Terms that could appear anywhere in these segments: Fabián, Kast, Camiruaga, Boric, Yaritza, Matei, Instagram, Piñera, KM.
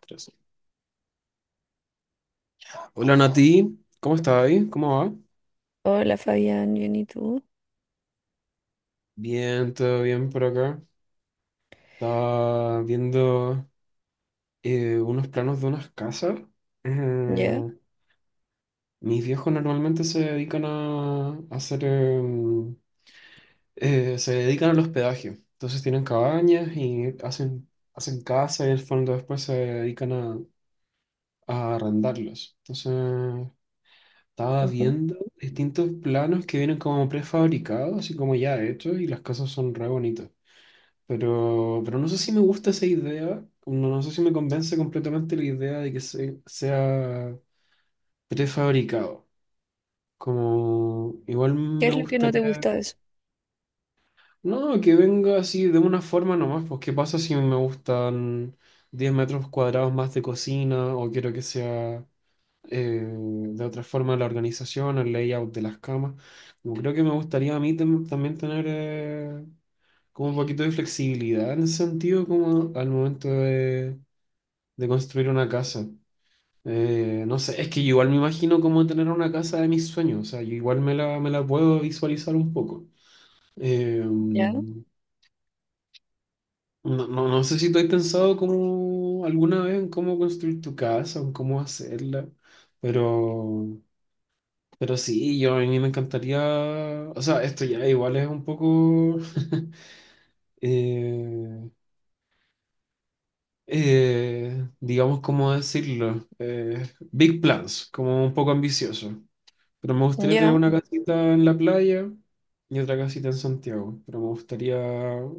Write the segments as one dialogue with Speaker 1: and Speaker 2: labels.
Speaker 1: Tres. Hola Nati, ¿cómo estás ahí? ¿Cómo va?
Speaker 2: Hola Fabián, bien, ¿y tú?
Speaker 1: Bien, todo bien por acá. Estaba viendo unos planos de unas casas. Eh,
Speaker 2: ¿Ya?
Speaker 1: mis viejos normalmente se dedican a hacer, se dedican al hospedaje. Entonces tienen cabañas y hacen, hacen casas y en fondo después se dedican a arrendarlos. Entonces estaba
Speaker 2: Ujú.
Speaker 1: viendo distintos planos que vienen como prefabricados, así como ya hechos, y las casas son re bonitas. Pero no sé si me gusta esa idea, no, no sé si me convence completamente la idea de que sea prefabricado. Como igual
Speaker 2: ¿Qué
Speaker 1: me
Speaker 2: es lo que no te
Speaker 1: gustaría,
Speaker 2: gusta de eso?
Speaker 1: no, que venga así de una forma nomás, pues qué pasa si me gustan 10 metros cuadrados más de cocina o quiero que sea de otra forma la organización, el layout de las camas. Como creo que me gustaría a mí también tener como un poquito de flexibilidad en ese sentido, como al momento de construir una casa. No sé, es que igual me imagino como tener una casa de mis sueños, o sea, yo igual me la puedo visualizar un poco.
Speaker 2: ¿Ya?
Speaker 1: No, no, no sé si tú has pensado como alguna vez en cómo construir tu casa, en cómo hacerla, pero, pero sí, yo a mí me encantaría, o sea, esto ya igual es un poco, eh, digamos, ¿cómo decirlo? Big plans, como un poco ambicioso. Pero me gustaría tener
Speaker 2: ¿Ya?
Speaker 1: una casita en la playa y otra casita en Santiago. Pero me gustaría,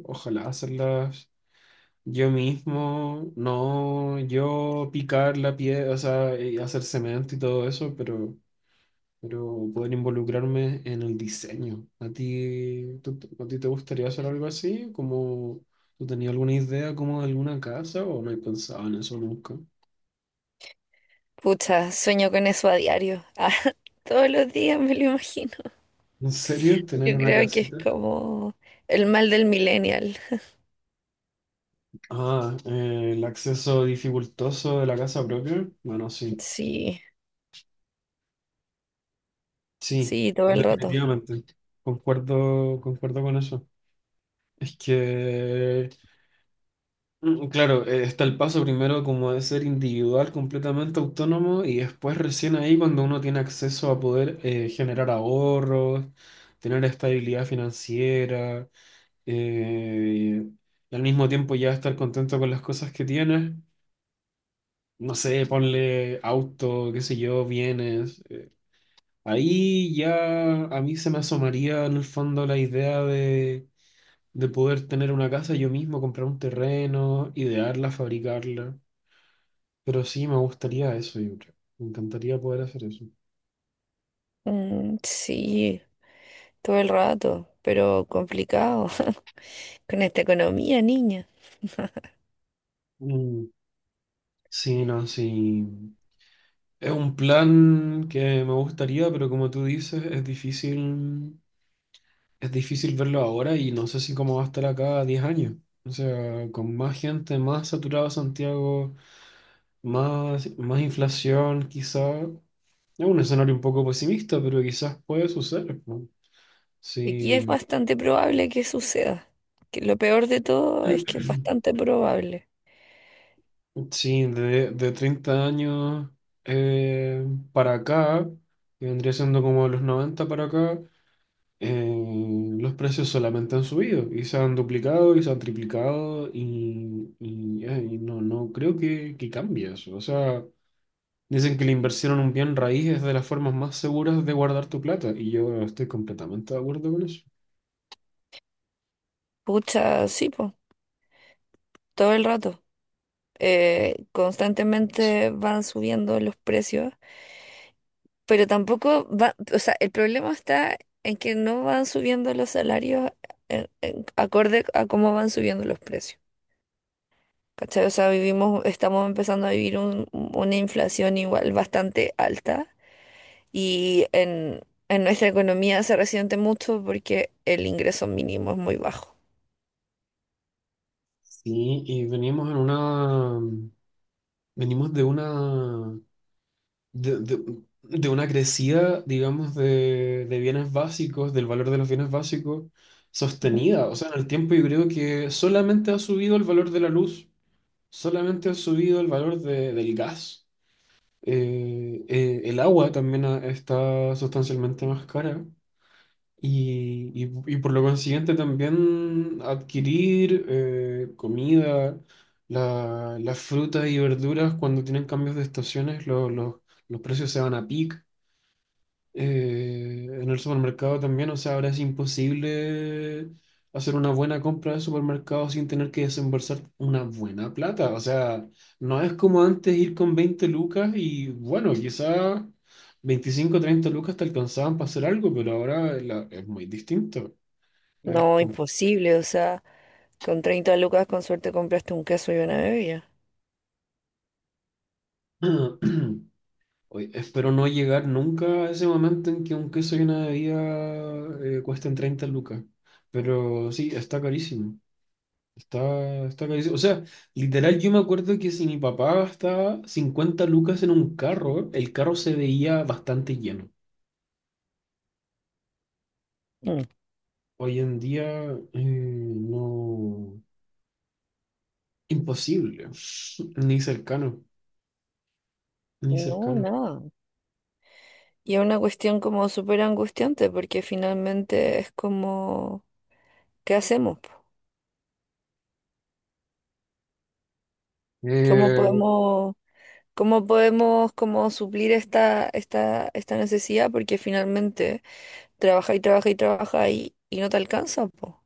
Speaker 1: ojalá, hacerlas yo mismo. No yo picar la piedra, o sea, y hacer cemento y todo eso, pero poder involucrarme en el diseño. ¿A ti, a ti te gustaría hacer algo así? ¿Como tú tenías alguna idea como de alguna casa o no has pensado en eso nunca?
Speaker 2: Pucha, sueño con eso a diario. Ah, todos los días me lo imagino.
Speaker 1: ¿En serio? ¿Tener
Speaker 2: Yo
Speaker 1: una
Speaker 2: creo que es
Speaker 1: casita?
Speaker 2: como el mal del millennial.
Speaker 1: Ah, el acceso dificultoso de la casa propia. Bueno, sí,
Speaker 2: Sí,
Speaker 1: sí,
Speaker 2: sí, todo el rato.
Speaker 1: definitivamente. Concuerdo, concuerdo con eso. Es que, claro, está el paso primero como de ser individual, completamente autónomo, y después recién ahí cuando uno tiene acceso a poder generar ahorros, tener estabilidad financiera, eh, y al mismo tiempo ya estar contento con las cosas que tienes. No sé, ponle auto, qué sé yo, bienes. Ahí ya a mí se me asomaría en el fondo la idea de poder tener una casa yo mismo, comprar un terreno, idearla, fabricarla. Pero sí, me gustaría eso, yo creo. Me encantaría poder hacer eso.
Speaker 2: Mm, sí, todo el rato, pero complicado. Con esta economía, niña.
Speaker 1: Mm, sí, no, sí. Es un plan que me gustaría, pero como tú dices, es difícil verlo ahora y no sé si cómo va a estar acá a 10 años. O sea, con más gente, más saturado Santiago, más, más inflación, quizás. Es un escenario un poco pesimista, pero quizás puede suceder. ¿No? Sí,
Speaker 2: Aquí es bastante probable que suceda. Que lo peor de todo es que es bastante probable.
Speaker 1: sí, de 30 años eh, para acá, que vendría siendo como de los 90 para acá, los precios solamente han subido y se han duplicado y se han triplicado y no, no creo que cambie eso. O sea, dicen que la inversión en un bien raíz es de las formas más seguras de guardar tu plata y yo estoy completamente de acuerdo con eso.
Speaker 2: Pucha, sí, pues, todo el rato. Constantemente van subiendo los precios, pero tampoco va, o sea, el problema está en que no van subiendo los salarios acorde a cómo van subiendo los precios. ¿Cachai? O sea, vivimos, estamos empezando a vivir una inflación igual bastante alta y en nuestra economía se resiente mucho porque el ingreso mínimo es muy bajo.
Speaker 1: Sí, y venimos en una, venimos de una de, de una crecida, digamos, de bienes básicos, del valor de los bienes básicos,
Speaker 2: Ujú.
Speaker 1: sostenida. O sea, en el tiempo yo creo que solamente ha subido el valor de la luz, solamente ha subido el valor del gas. El agua también está sustancialmente más cara. Y, y por lo consiguiente también adquirir comida, las frutas y verduras cuando tienen cambios de estaciones, los precios se van a pic. En el supermercado también, o sea, ahora es imposible hacer una buena compra de supermercado sin tener que desembolsar una buena plata. O sea, no es como antes ir con 20 lucas y bueno, quizá 25 o 30 lucas te alcanzaban para hacer algo, pero ahora es muy distinto. Es
Speaker 2: No,
Speaker 1: como-
Speaker 2: imposible, o sea, con 30 lucas con suerte compraste un queso y una bebida.
Speaker 1: Oye, espero no llegar nunca a ese momento en que un queso y una bebida cuesten 30 lucas. Pero sí, está carísimo. Está, está carísimo. O sea, literal, yo me acuerdo que si mi papá gastaba 50 lucas en un carro, el carro se veía bastante lleno.
Speaker 2: Mm.
Speaker 1: Hoy en día, no. Imposible. Ni cercano. Ni
Speaker 2: No,
Speaker 1: cercano.
Speaker 2: nada. Y es una cuestión como súper angustiante porque finalmente es como, ¿qué hacemos, po? ¿Cómo
Speaker 1: Eh,
Speaker 2: podemos, cómo podemos como suplir esta necesidad? Porque finalmente trabaja y trabaja y trabaja y no te alcanza, po.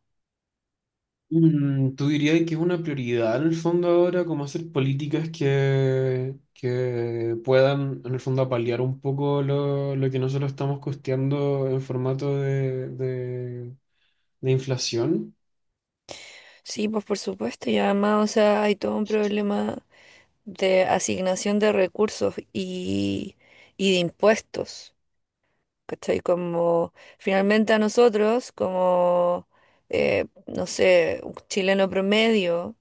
Speaker 1: ¿Tú dirías que es una prioridad en el fondo ahora, como hacer políticas que puedan, en el fondo, paliar un poco lo que nosotros estamos costeando en formato de inflación?
Speaker 2: Sí, pues por supuesto. Y además, o sea, hay todo un problema de asignación de recursos y de impuestos. ¿Cachai? Como finalmente a nosotros, como, no sé, un chileno promedio,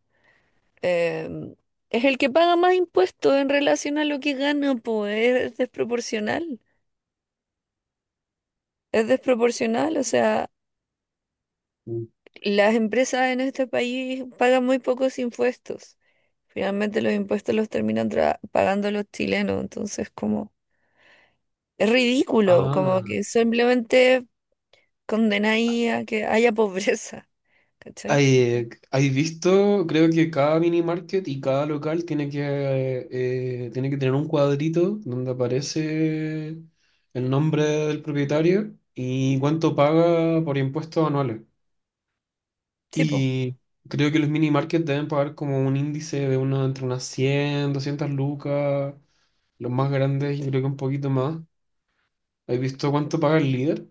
Speaker 2: eh, es el que paga más impuestos en relación a lo que gana, pues es desproporcional. Es desproporcional, o sea, las empresas en este país pagan muy pocos impuestos. Finalmente los impuestos los terminan pagando los chilenos, entonces como es ridículo, como
Speaker 1: Ah,
Speaker 2: que simplemente condenáis a que haya pobreza, ¿cachai?
Speaker 1: hay visto, creo que cada mini market y cada local tiene que tener un cuadrito donde aparece el nombre del propietario y cuánto paga por impuestos anuales.
Speaker 2: Sí, po.
Speaker 1: Y creo que los mini markets deben pagar como un índice de uno entre unas 100, 200 lucas, los más grandes yo creo que un poquito más. ¿Has visto cuánto paga el líder?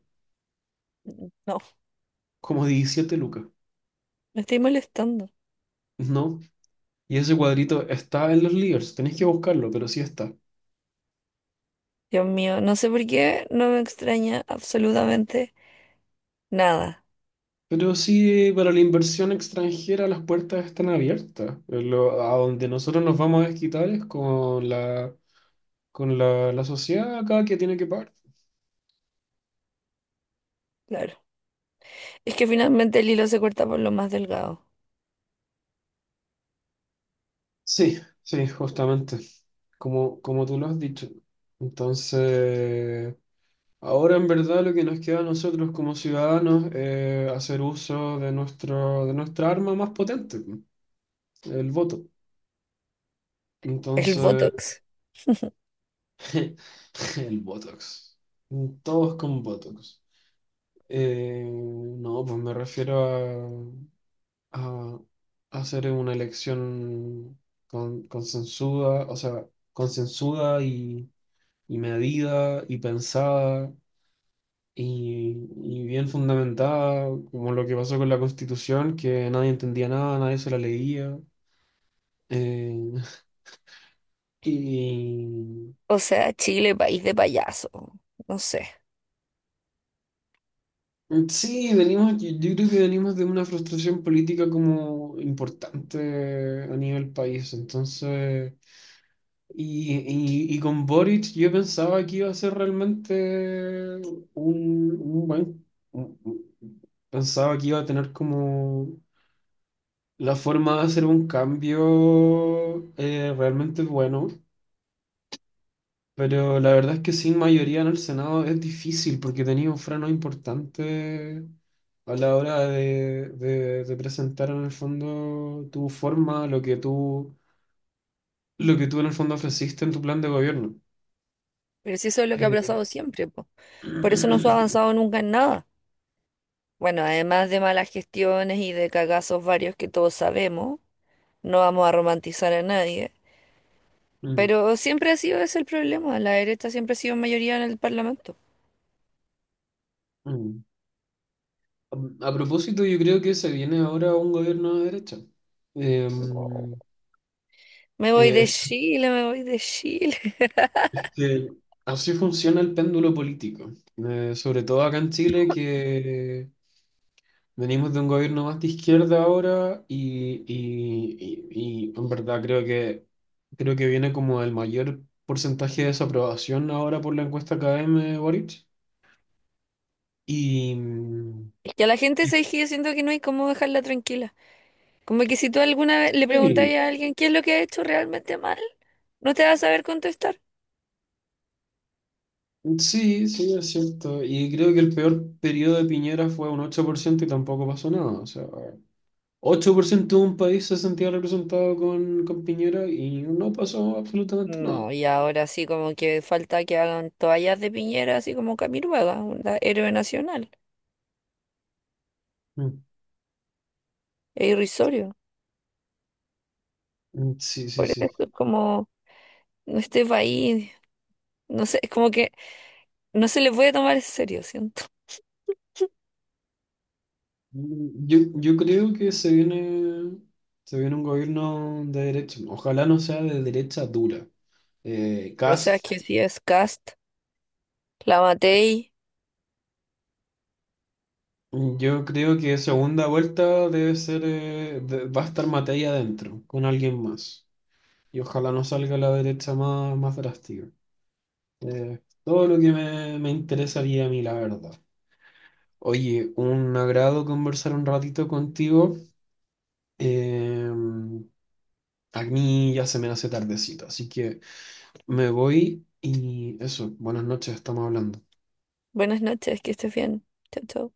Speaker 2: No,
Speaker 1: Como 17 lucas.
Speaker 2: me estoy molestando.
Speaker 1: No, y ese cuadrito está en los Leaders, tenéis que buscarlo, pero sí está.
Speaker 2: Dios mío, no sé por qué no me extraña absolutamente nada.
Speaker 1: Pero sí, para la inversión extranjera las puertas están abiertas. A donde nosotros nos vamos a desquitar es con la, la sociedad acá que tiene que pagar.
Speaker 2: Claro. Es que finalmente el hilo se corta por lo más delgado.
Speaker 1: Sí, sí, justamente, como, como tú lo has dicho. Entonces, ahora en verdad lo que nos queda a nosotros como ciudadanos es hacer uso de nuestro, de nuestra arma más potente, el voto.
Speaker 2: El
Speaker 1: Entonces,
Speaker 2: Botox.
Speaker 1: el Botox. Todos con Botox. No, pues me refiero a hacer una elección con, consensuada, o sea, consensuada y medida y pensada y bien fundamentada, como lo que pasó con la Constitución, que nadie entendía nada, nadie se la leía. Eh, y
Speaker 2: O sea, Chile, país de payaso. No sé.
Speaker 1: Sí, venimos, yo creo que venimos de una frustración política como importante a nivel país, entonces, y, y con Boric yo pensaba que iba a ser realmente un buen, un- un- pensaba que iba a tener como la forma de hacer un cambio realmente bueno. Pero la verdad es que sin mayoría en el Senado es difícil porque tenía un freno importante a la hora de, de presentar en el fondo tu forma, lo que tú en el fondo ofreciste en tu plan de gobierno.
Speaker 2: Pero si eso es lo que ha
Speaker 1: Eh,
Speaker 2: pasado siempre, po. Por eso no se ha avanzado nunca en nada. Bueno, además de malas gestiones y de cagazos varios que todos sabemos, no vamos a romantizar a nadie.
Speaker 1: mm,
Speaker 2: Pero siempre ha sido ese el problema. La derecha siempre ha sido mayoría en el Parlamento.
Speaker 1: mm. A a propósito, yo creo que se viene ahora un gobierno de derecha. Eh, mm,
Speaker 2: Me voy de
Speaker 1: eh,
Speaker 2: Chile, me voy de Chile.
Speaker 1: es que así funciona el péndulo político. Sobre todo acá en Chile, que venimos de un gobierno más de izquierda ahora y, y en verdad creo que viene como el mayor porcentaje de desaprobación ahora por la encuesta KM Boric. Y,
Speaker 2: Es que a la gente,
Speaker 1: y-
Speaker 2: se que yo siento que no hay cómo dejarla tranquila. Como que si tú alguna vez le preguntas
Speaker 1: sí,
Speaker 2: a alguien qué es lo que ha hecho realmente mal, no te va a saber contestar.
Speaker 1: sí, sí, es cierto. Y creo que el peor periodo de Piñera fue un 8% y tampoco pasó nada. O sea, 8% de un país se sentía representado con Piñera y no pasó absolutamente nada.
Speaker 2: No, y ahora sí como que falta que hagan toallas de Piñera, así como Camiruaga, un héroe nacional.
Speaker 1: Mm,
Speaker 2: Es irrisorio.
Speaker 1: Sí, sí,
Speaker 2: Por eso
Speaker 1: sí.
Speaker 2: es como no, este país, no sé, es como que no se le puede tomar en serio, siento.
Speaker 1: Yo creo que se viene un gobierno de derecha. Ojalá no sea de derecha dura.
Speaker 2: O sea, es
Speaker 1: Kast,
Speaker 2: que si es Cast, la Matei,
Speaker 1: yo creo que segunda vuelta debe ser, va a estar Matei adentro, con alguien más. Y ojalá no salga la derecha más, más drástica. Eh, todo lo que me interesaría a mí, la verdad. Oye, un agrado conversar un ratito contigo. Eh, a mí ya se me hace tardecito, así que... Me voy y eso, buenas noches, estamos hablando.
Speaker 2: buenas noches, que estés bien. Chao, chao.